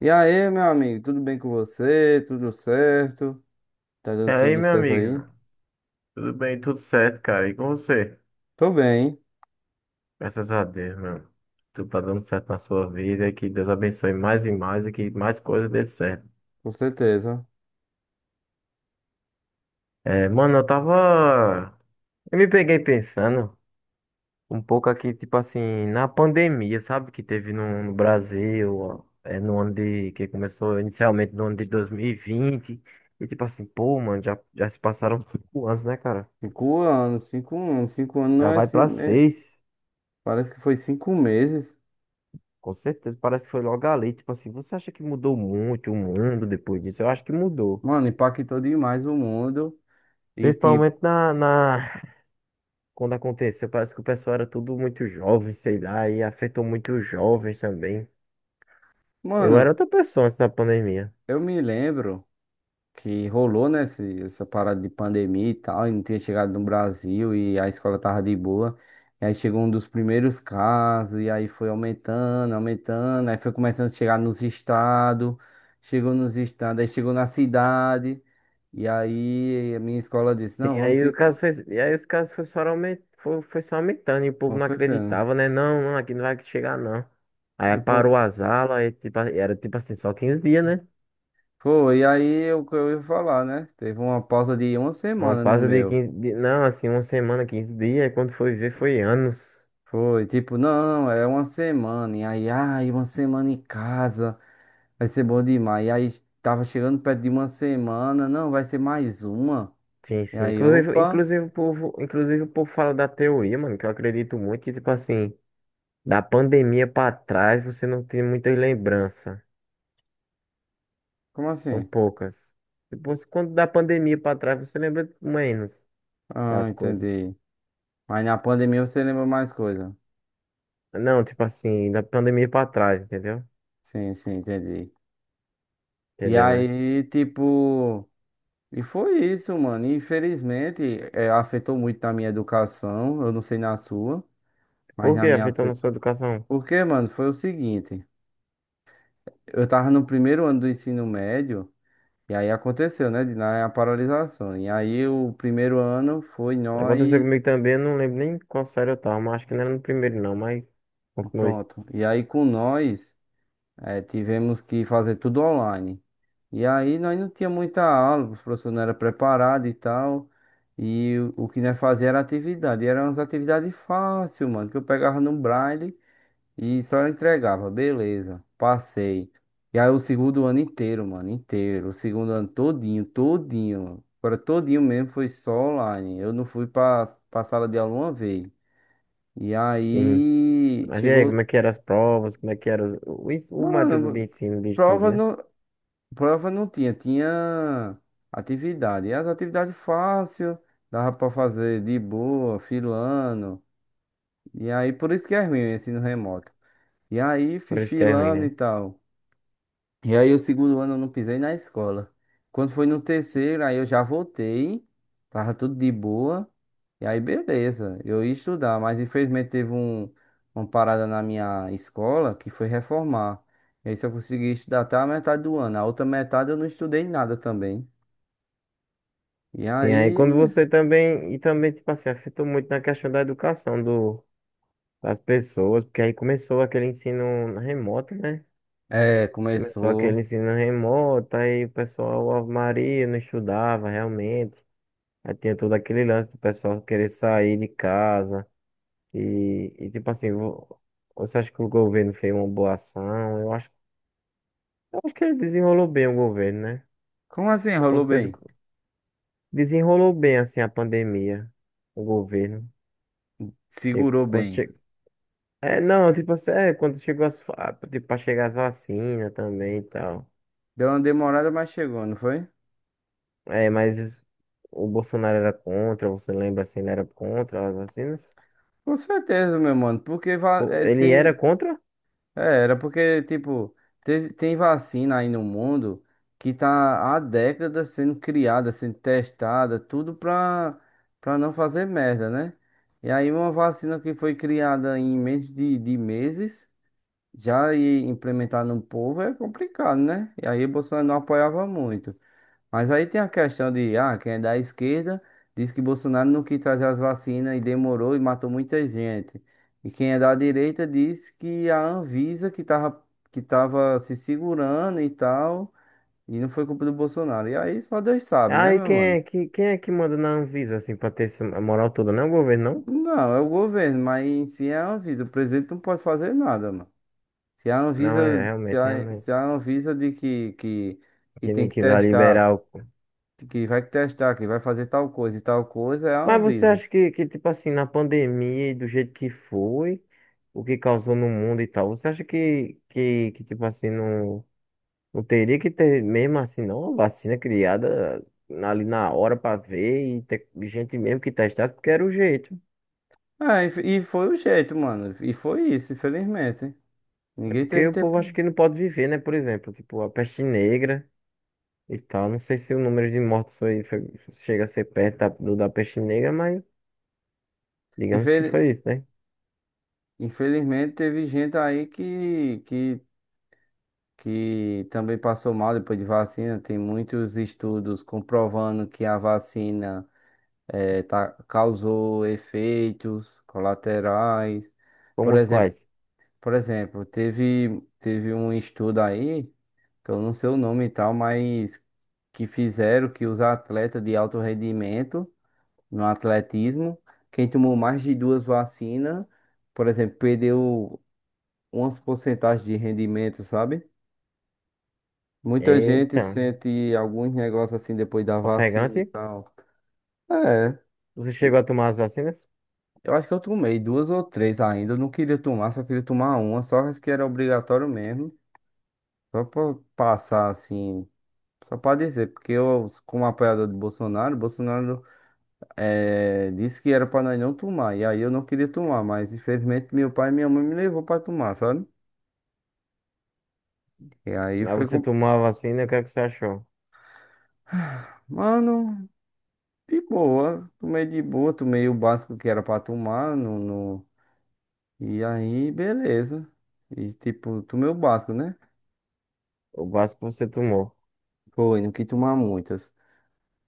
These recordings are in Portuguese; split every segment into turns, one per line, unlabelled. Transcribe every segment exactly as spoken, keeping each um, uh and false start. E aí, meu amigo, tudo bem com você? Tudo certo? Tá
E
dando
aí,
tudo
meu
certo aí?
amigo? Tudo bem, tudo certo, cara? E com você?
Tô bem,
Graças a Deus, meu. Tudo tá dando certo na sua vida. Que Deus abençoe mais e mais e que mais coisas dê certo.
com certeza.
É, mano, eu tava. Eu me peguei pensando um pouco aqui, tipo assim, na pandemia, sabe? Que teve no, no Brasil, ó, é, no ano de. Que começou inicialmente no ano de dois mil e vinte. E vinte. E tipo assim, pô, mano, já, já se passaram cinco anos, né, cara?
Cinco anos, cinco anos, cinco anos não
Já
é
vai
assim,
pra
né?
seis.
Parece que foi cinco meses.
Com certeza, parece que foi logo ali. Tipo assim, você acha que mudou muito o mundo depois disso? Eu acho que mudou.
Mano, impactou demais o mundo. E tipo,
Principalmente na, na... Quando aconteceu, parece que o pessoal era tudo muito jovem, sei lá, e afetou muito os jovens também. Eu era
mano,
outra pessoa antes da pandemia.
eu me lembro que rolou, né? Esse- essa parada de pandemia e tal, e não tinha chegado no Brasil e a escola tava de boa. E aí chegou um dos primeiros casos, e aí foi aumentando, aumentando, aí foi começando a chegar nos estados, chegou nos estados, aí chegou na cidade, e aí a minha escola disse,
Sim,
não, vamos
aí o
ficar,
caso fez... e aí os casos foi só aument... foi, foi só aumentando e o
com
povo não
certeza. Né?
acreditava, né? Não, não, aqui não vai chegar, não. Aí
E pô,
parou as aulas, aí, tipo, era tipo assim, só quinze dias, né?
foi, e aí o que eu ia falar, né? Teve uma pausa de uma
Uma
semana no
pausa de
meu.
quinze dias, não, assim, uma semana, quinze dias, e quando foi ver, foi anos.
Foi, tipo, não, é uma semana, e aí, ai, uma semana em casa. Vai ser bom demais. E aí tava chegando perto de uma semana. Não, vai ser mais uma.
Sim,
E
sim.
aí,
Inclusive,
opa,
inclusive, o povo, inclusive o povo fala da teoria, mano, que eu acredito muito que, tipo assim, da pandemia pra trás você não tem muitas lembranças.
como
São
assim?
poucas. Depois, quando da pandemia pra trás, você lembra menos
Ah,
das coisas.
entendi. Mas na pandemia você lembra mais coisa.
Não, tipo assim, da pandemia pra trás, entendeu?
Sim, sim, entendi. E
Entendeu, né?
aí, tipo. E foi isso, mano. E, infelizmente, eh, afetou muito na minha educação. Eu não sei na sua, mas
Por
na
que
minha.
afetando a
afe-
sua educação?
Porque, mano, foi o seguinte. Eu tava no primeiro ano do ensino médio. E aí aconteceu, né? de- na- A paralisação. E aí o primeiro ano foi
Aconteceu
nós.
comigo também, eu não lembro nem qual série eu tava, mas acho que não era no primeiro não, mas continuei.
Pronto. E aí com nós eh, tivemos que fazer tudo online. E aí nós não tinha muita aula, os professores não eram preparados e tal. E o o que nós fazia era atividade. E eram umas atividades fáceis, mano, que eu pegava no Braille e só entregava, beleza. Passei. E aí o segundo ano inteiro, mano, inteiro. O segundo ano todinho, todinho. Agora todinho mesmo foi só online. Eu não fui pra, pra sala de aula uma vez. E
Sim.
aí
Mas e aí,
chegou.
como é que eram as provas, como é que era os- o, ens- o, material do
Mano,
ensino de estudo,
prova
né?
não, prova não tinha, tinha atividade. E as atividades fácil, dava pra fazer de boa, filando. E aí por isso que é ruim o ensino remoto. E aí fui
Por isso que é ruim,
filando e
né?
tal. E aí, o segundo ano eu não pisei na escola. Quando foi no terceiro, aí eu já voltei, tava tudo de boa. E aí, beleza, eu ia estudar, mas infelizmente teve um, uma parada na minha escola que foi reformar. E aí, só consegui estudar até a metade do ano. A outra metade eu não estudei nada também. E
Sim, aí quando
aí,
você também, e também, tipo assim, afetou muito na questão da educação do, das pessoas, porque aí começou aquele ensino remoto, né?
é,
Começou aquele
começou.
ensino remoto, aí o pessoal, Ave Maria, não estudava realmente. Aí tinha todo aquele lance do pessoal querer sair de casa. E, e tipo assim, vo- você acha que o governo fez uma boa ação? Eu acho, eu acho que ele desenrolou bem o governo, né?
Como assim?
Com
Rolou
certeza,
bem?
desenrolou bem, assim, a pandemia, o governo. E
Segurou
quando
bem.
che... É, não, tipo assim, é, quando chegou as, fa- ah, tipo, pra chegar as vacinas também e tal.
Deu uma demorada, mas chegou, não foi?
É, mas os- o Bolsonaro era contra, você lembra assim, ele era contra as vacinas?
Com certeza, meu mano, porque va-
Pô,
é,
Ele era
tem.
contra?
É, era porque, tipo, teve- tem vacina aí no mundo que tá há décadas sendo criada, sendo testada, tudo pra, pra não fazer merda, né? E aí uma vacina que foi criada em menos de, de meses, já ir implementar no povo é complicado, né? E aí Bolsonaro não apoiava muito. Mas aí tem a questão de, ah, quem é da esquerda diz que Bolsonaro não quis trazer as vacinas e demorou e matou muita gente. E quem é da direita diz que a Anvisa que tava, que tava se segurando e tal, e não foi culpa do Bolsonaro. E aí só Deus sabe, né,
Ah, e
meu
quem
mano?
é, que, quem é que manda na Anvisa, assim, pra ter essa moral toda? Não é o governo, não?
Não, é o governo, mas em si é a Anvisa. O presidente não pode fazer nada, mano. Se a
Não, é,
Anvisa, se
realmente,
a, se
realmente.
a Anvisa de que, que, que
Que,
tem
nem
que
que vai
testar,
liberar o...
que vai testar, que vai fazer tal coisa e tal coisa, é a
Mas você
Anvisa.
acha que, que, tipo assim, na pandemia e do jeito que foi, o que causou no mundo e tal, você acha que, que, que tipo assim, não... Não teria que ter, mesmo assim, não, uma vacina criada na- ali na hora pra ver e ter gente mesmo que testasse, porque era o jeito.
Ah, e f- e foi o jeito, mano. E foi isso, infelizmente.
É
Ninguém
porque
teve
o povo acha
tempo.
que não pode viver, né? Por exemplo, tipo a peste negra e tal. Não sei se o número de mortos foi, foi- chega a ser perto da- do da peste negra, mas digamos que
infeli-
foi isso, né?
Infelizmente, teve gente aí que, que, que também passou mal depois de vacina. Tem muitos estudos comprovando que a vacina eh, tá- causou efeitos colaterais.
Como
Por
os
exemplo,
quais?
por exemplo, teve, teve um estudo aí, que eu não sei o nome e tal, mas que fizeram que os atletas de alto rendimento. No atletismo. Quem tomou mais de duas vacinas, por exemplo, perdeu umas porcentagens de rendimento, sabe? Muita gente
Eita,
sente alguns negócios assim depois da vacina e
ofegante,
tal. É,
você chegou a tomar as vacinas?
eu acho que eu tomei duas ou três ainda. Eu não queria tomar, só queria tomar uma, só que era obrigatório mesmo. Só pra passar assim, só pra dizer, porque eu, como apoiador de Bolsonaro, Bolsonaro. É, disse que era pra nós não tomar. E aí eu não queria tomar, mas infelizmente meu pai e minha mãe me levou pra tomar, sabe? E aí
Mas
foi
você
com.
tomou a vacina, o que é que você achou?
Mano, de boa. Tomei de boa, tomei o básico que era pra tomar. No, no... E aí, beleza. E tipo, tomei o básico, né?
O básico que você tomou.
Foi, não quis tomar muitas.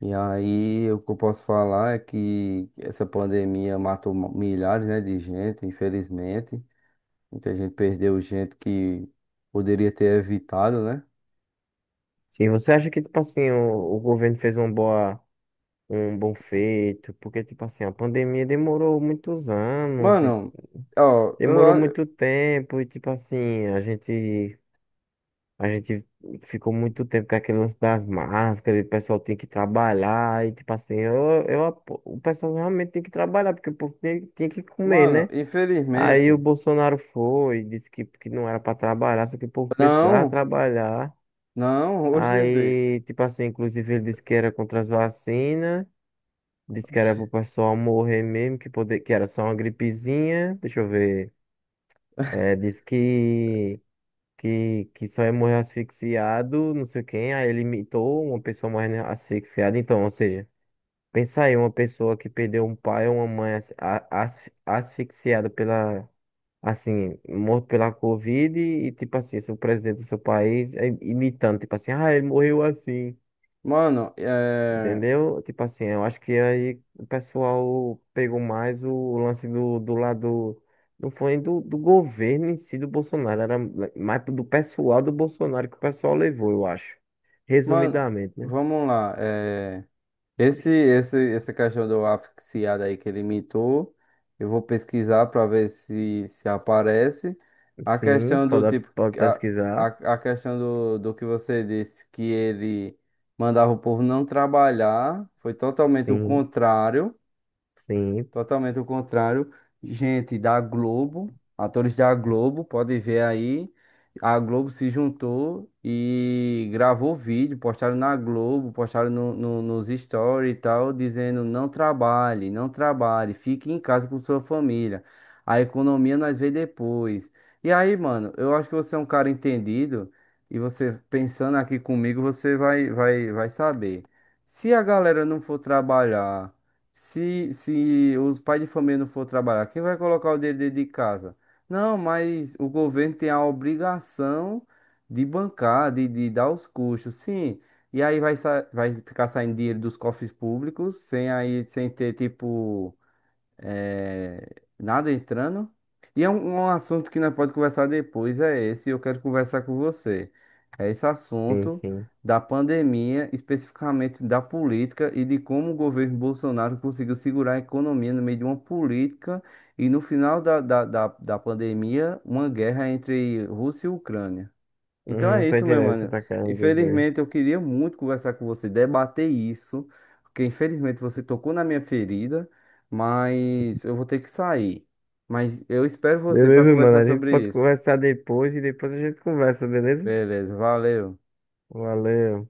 E aí, o que eu posso falar é que essa pandemia matou ma- milhares, né, de gente, infelizmente. Muita gente perdeu gente que poderia ter evitado, né?
Se você acha que, tipo assim, o, o governo fez uma boa. Um bom feito, porque, tipo assim, a pandemia demorou muitos anos e
Mano, ó, eu,
demorou
a-
muito tempo e, tipo assim, a gente, a gente ficou muito tempo com aquele lance das máscaras, e o pessoal tem que trabalhar e, tipo assim, eu, eu, apo- o pessoal realmente tem que trabalhar, porque o povo tem, tem que comer,
mano,
né? Aí o
infelizmente,
Bolsonaro foi, disse que, que não era para trabalhar, só que o povo precisava
não,
trabalhar.
não, hoje, em dia.
Aí, tipo assim, inclusive ele disse que era contra as vacinas. Disse que era pro pessoal morrer mesmo, que, poder, que era só uma gripezinha. Deixa eu ver. É, disse que, que, que só ia morrer asfixiado, não sei quem. Aí ele imitou uma pessoa morrendo asfixiada. Então, ou seja, pensa aí, uma pessoa que perdeu um pai ou uma mãe as- a- asf- asfixiada pela, assim, morto pela Covid e, tipo assim, se o presidente do seu país é imitando, tipo assim, ah, ele morreu assim.
Mano, é,
Entendeu? Tipo assim, eu acho que aí o pessoal pegou mais o lance do, do lado. Não foi do, do governo em si do Bolsonaro, era mais do pessoal do Bolsonaro que o pessoal levou, eu acho.
mano,
Resumidamente, né?
vamos lá, é, esse, esse, essa questão do asfixiado aí que ele imitou, eu vou pesquisar pra ver se, se aparece, a
Sim,
questão do
pode,
tipo,
pode
a, a,
pesquisar.
a questão do, do que você disse, que ele mandava o povo não trabalhar, foi totalmente o
Sim,
contrário,
sim,
totalmente o contrário. Gente da Globo, atores da Globo, pode ver aí. A Globo se juntou e gravou vídeo, postaram na Globo, postaram no, no- nos stories e tal, dizendo não trabalhe, não trabalhe, fique em casa com sua família. A economia nós vê depois. E aí, mano, eu acho que você é um cara entendido e você pensando aqui comigo, você vai, vai, vai saber. Se a galera não for trabalhar se, se os pais de família não for trabalhar, quem vai colocar o dinheiro dentro de casa? Não, mas o governo tem a obrigação de bancar, de, de dar os custos, sim. E aí vai, sa- vai ficar saindo dinheiro dos cofres públicos, sem aí, sem ter tipo é, nada entrando. E é um, um assunto que nós pode conversar depois, é esse, eu quero conversar com você. É esse
sim,
assunto
sim.
da pandemia, especificamente da política e de como o governo Bolsonaro conseguiu segurar a economia no meio de uma política e no final da, da, da, da pandemia, uma guerra entre Rússia e Ucrânia. Então
Hum, Não
é
tô
isso, meu
entendendo o que você
mano.
tá querendo dizer.
Infelizmente, eu queria muito conversar com você, debater isso, porque infelizmente você tocou na minha ferida, mas eu vou ter que sair. Mas eu espero você para
Beleza, mano,
conversar
a gente
sobre
pode
isso.
conversar depois e depois a gente conversa, beleza?
Beleza, valeu.
Valeu.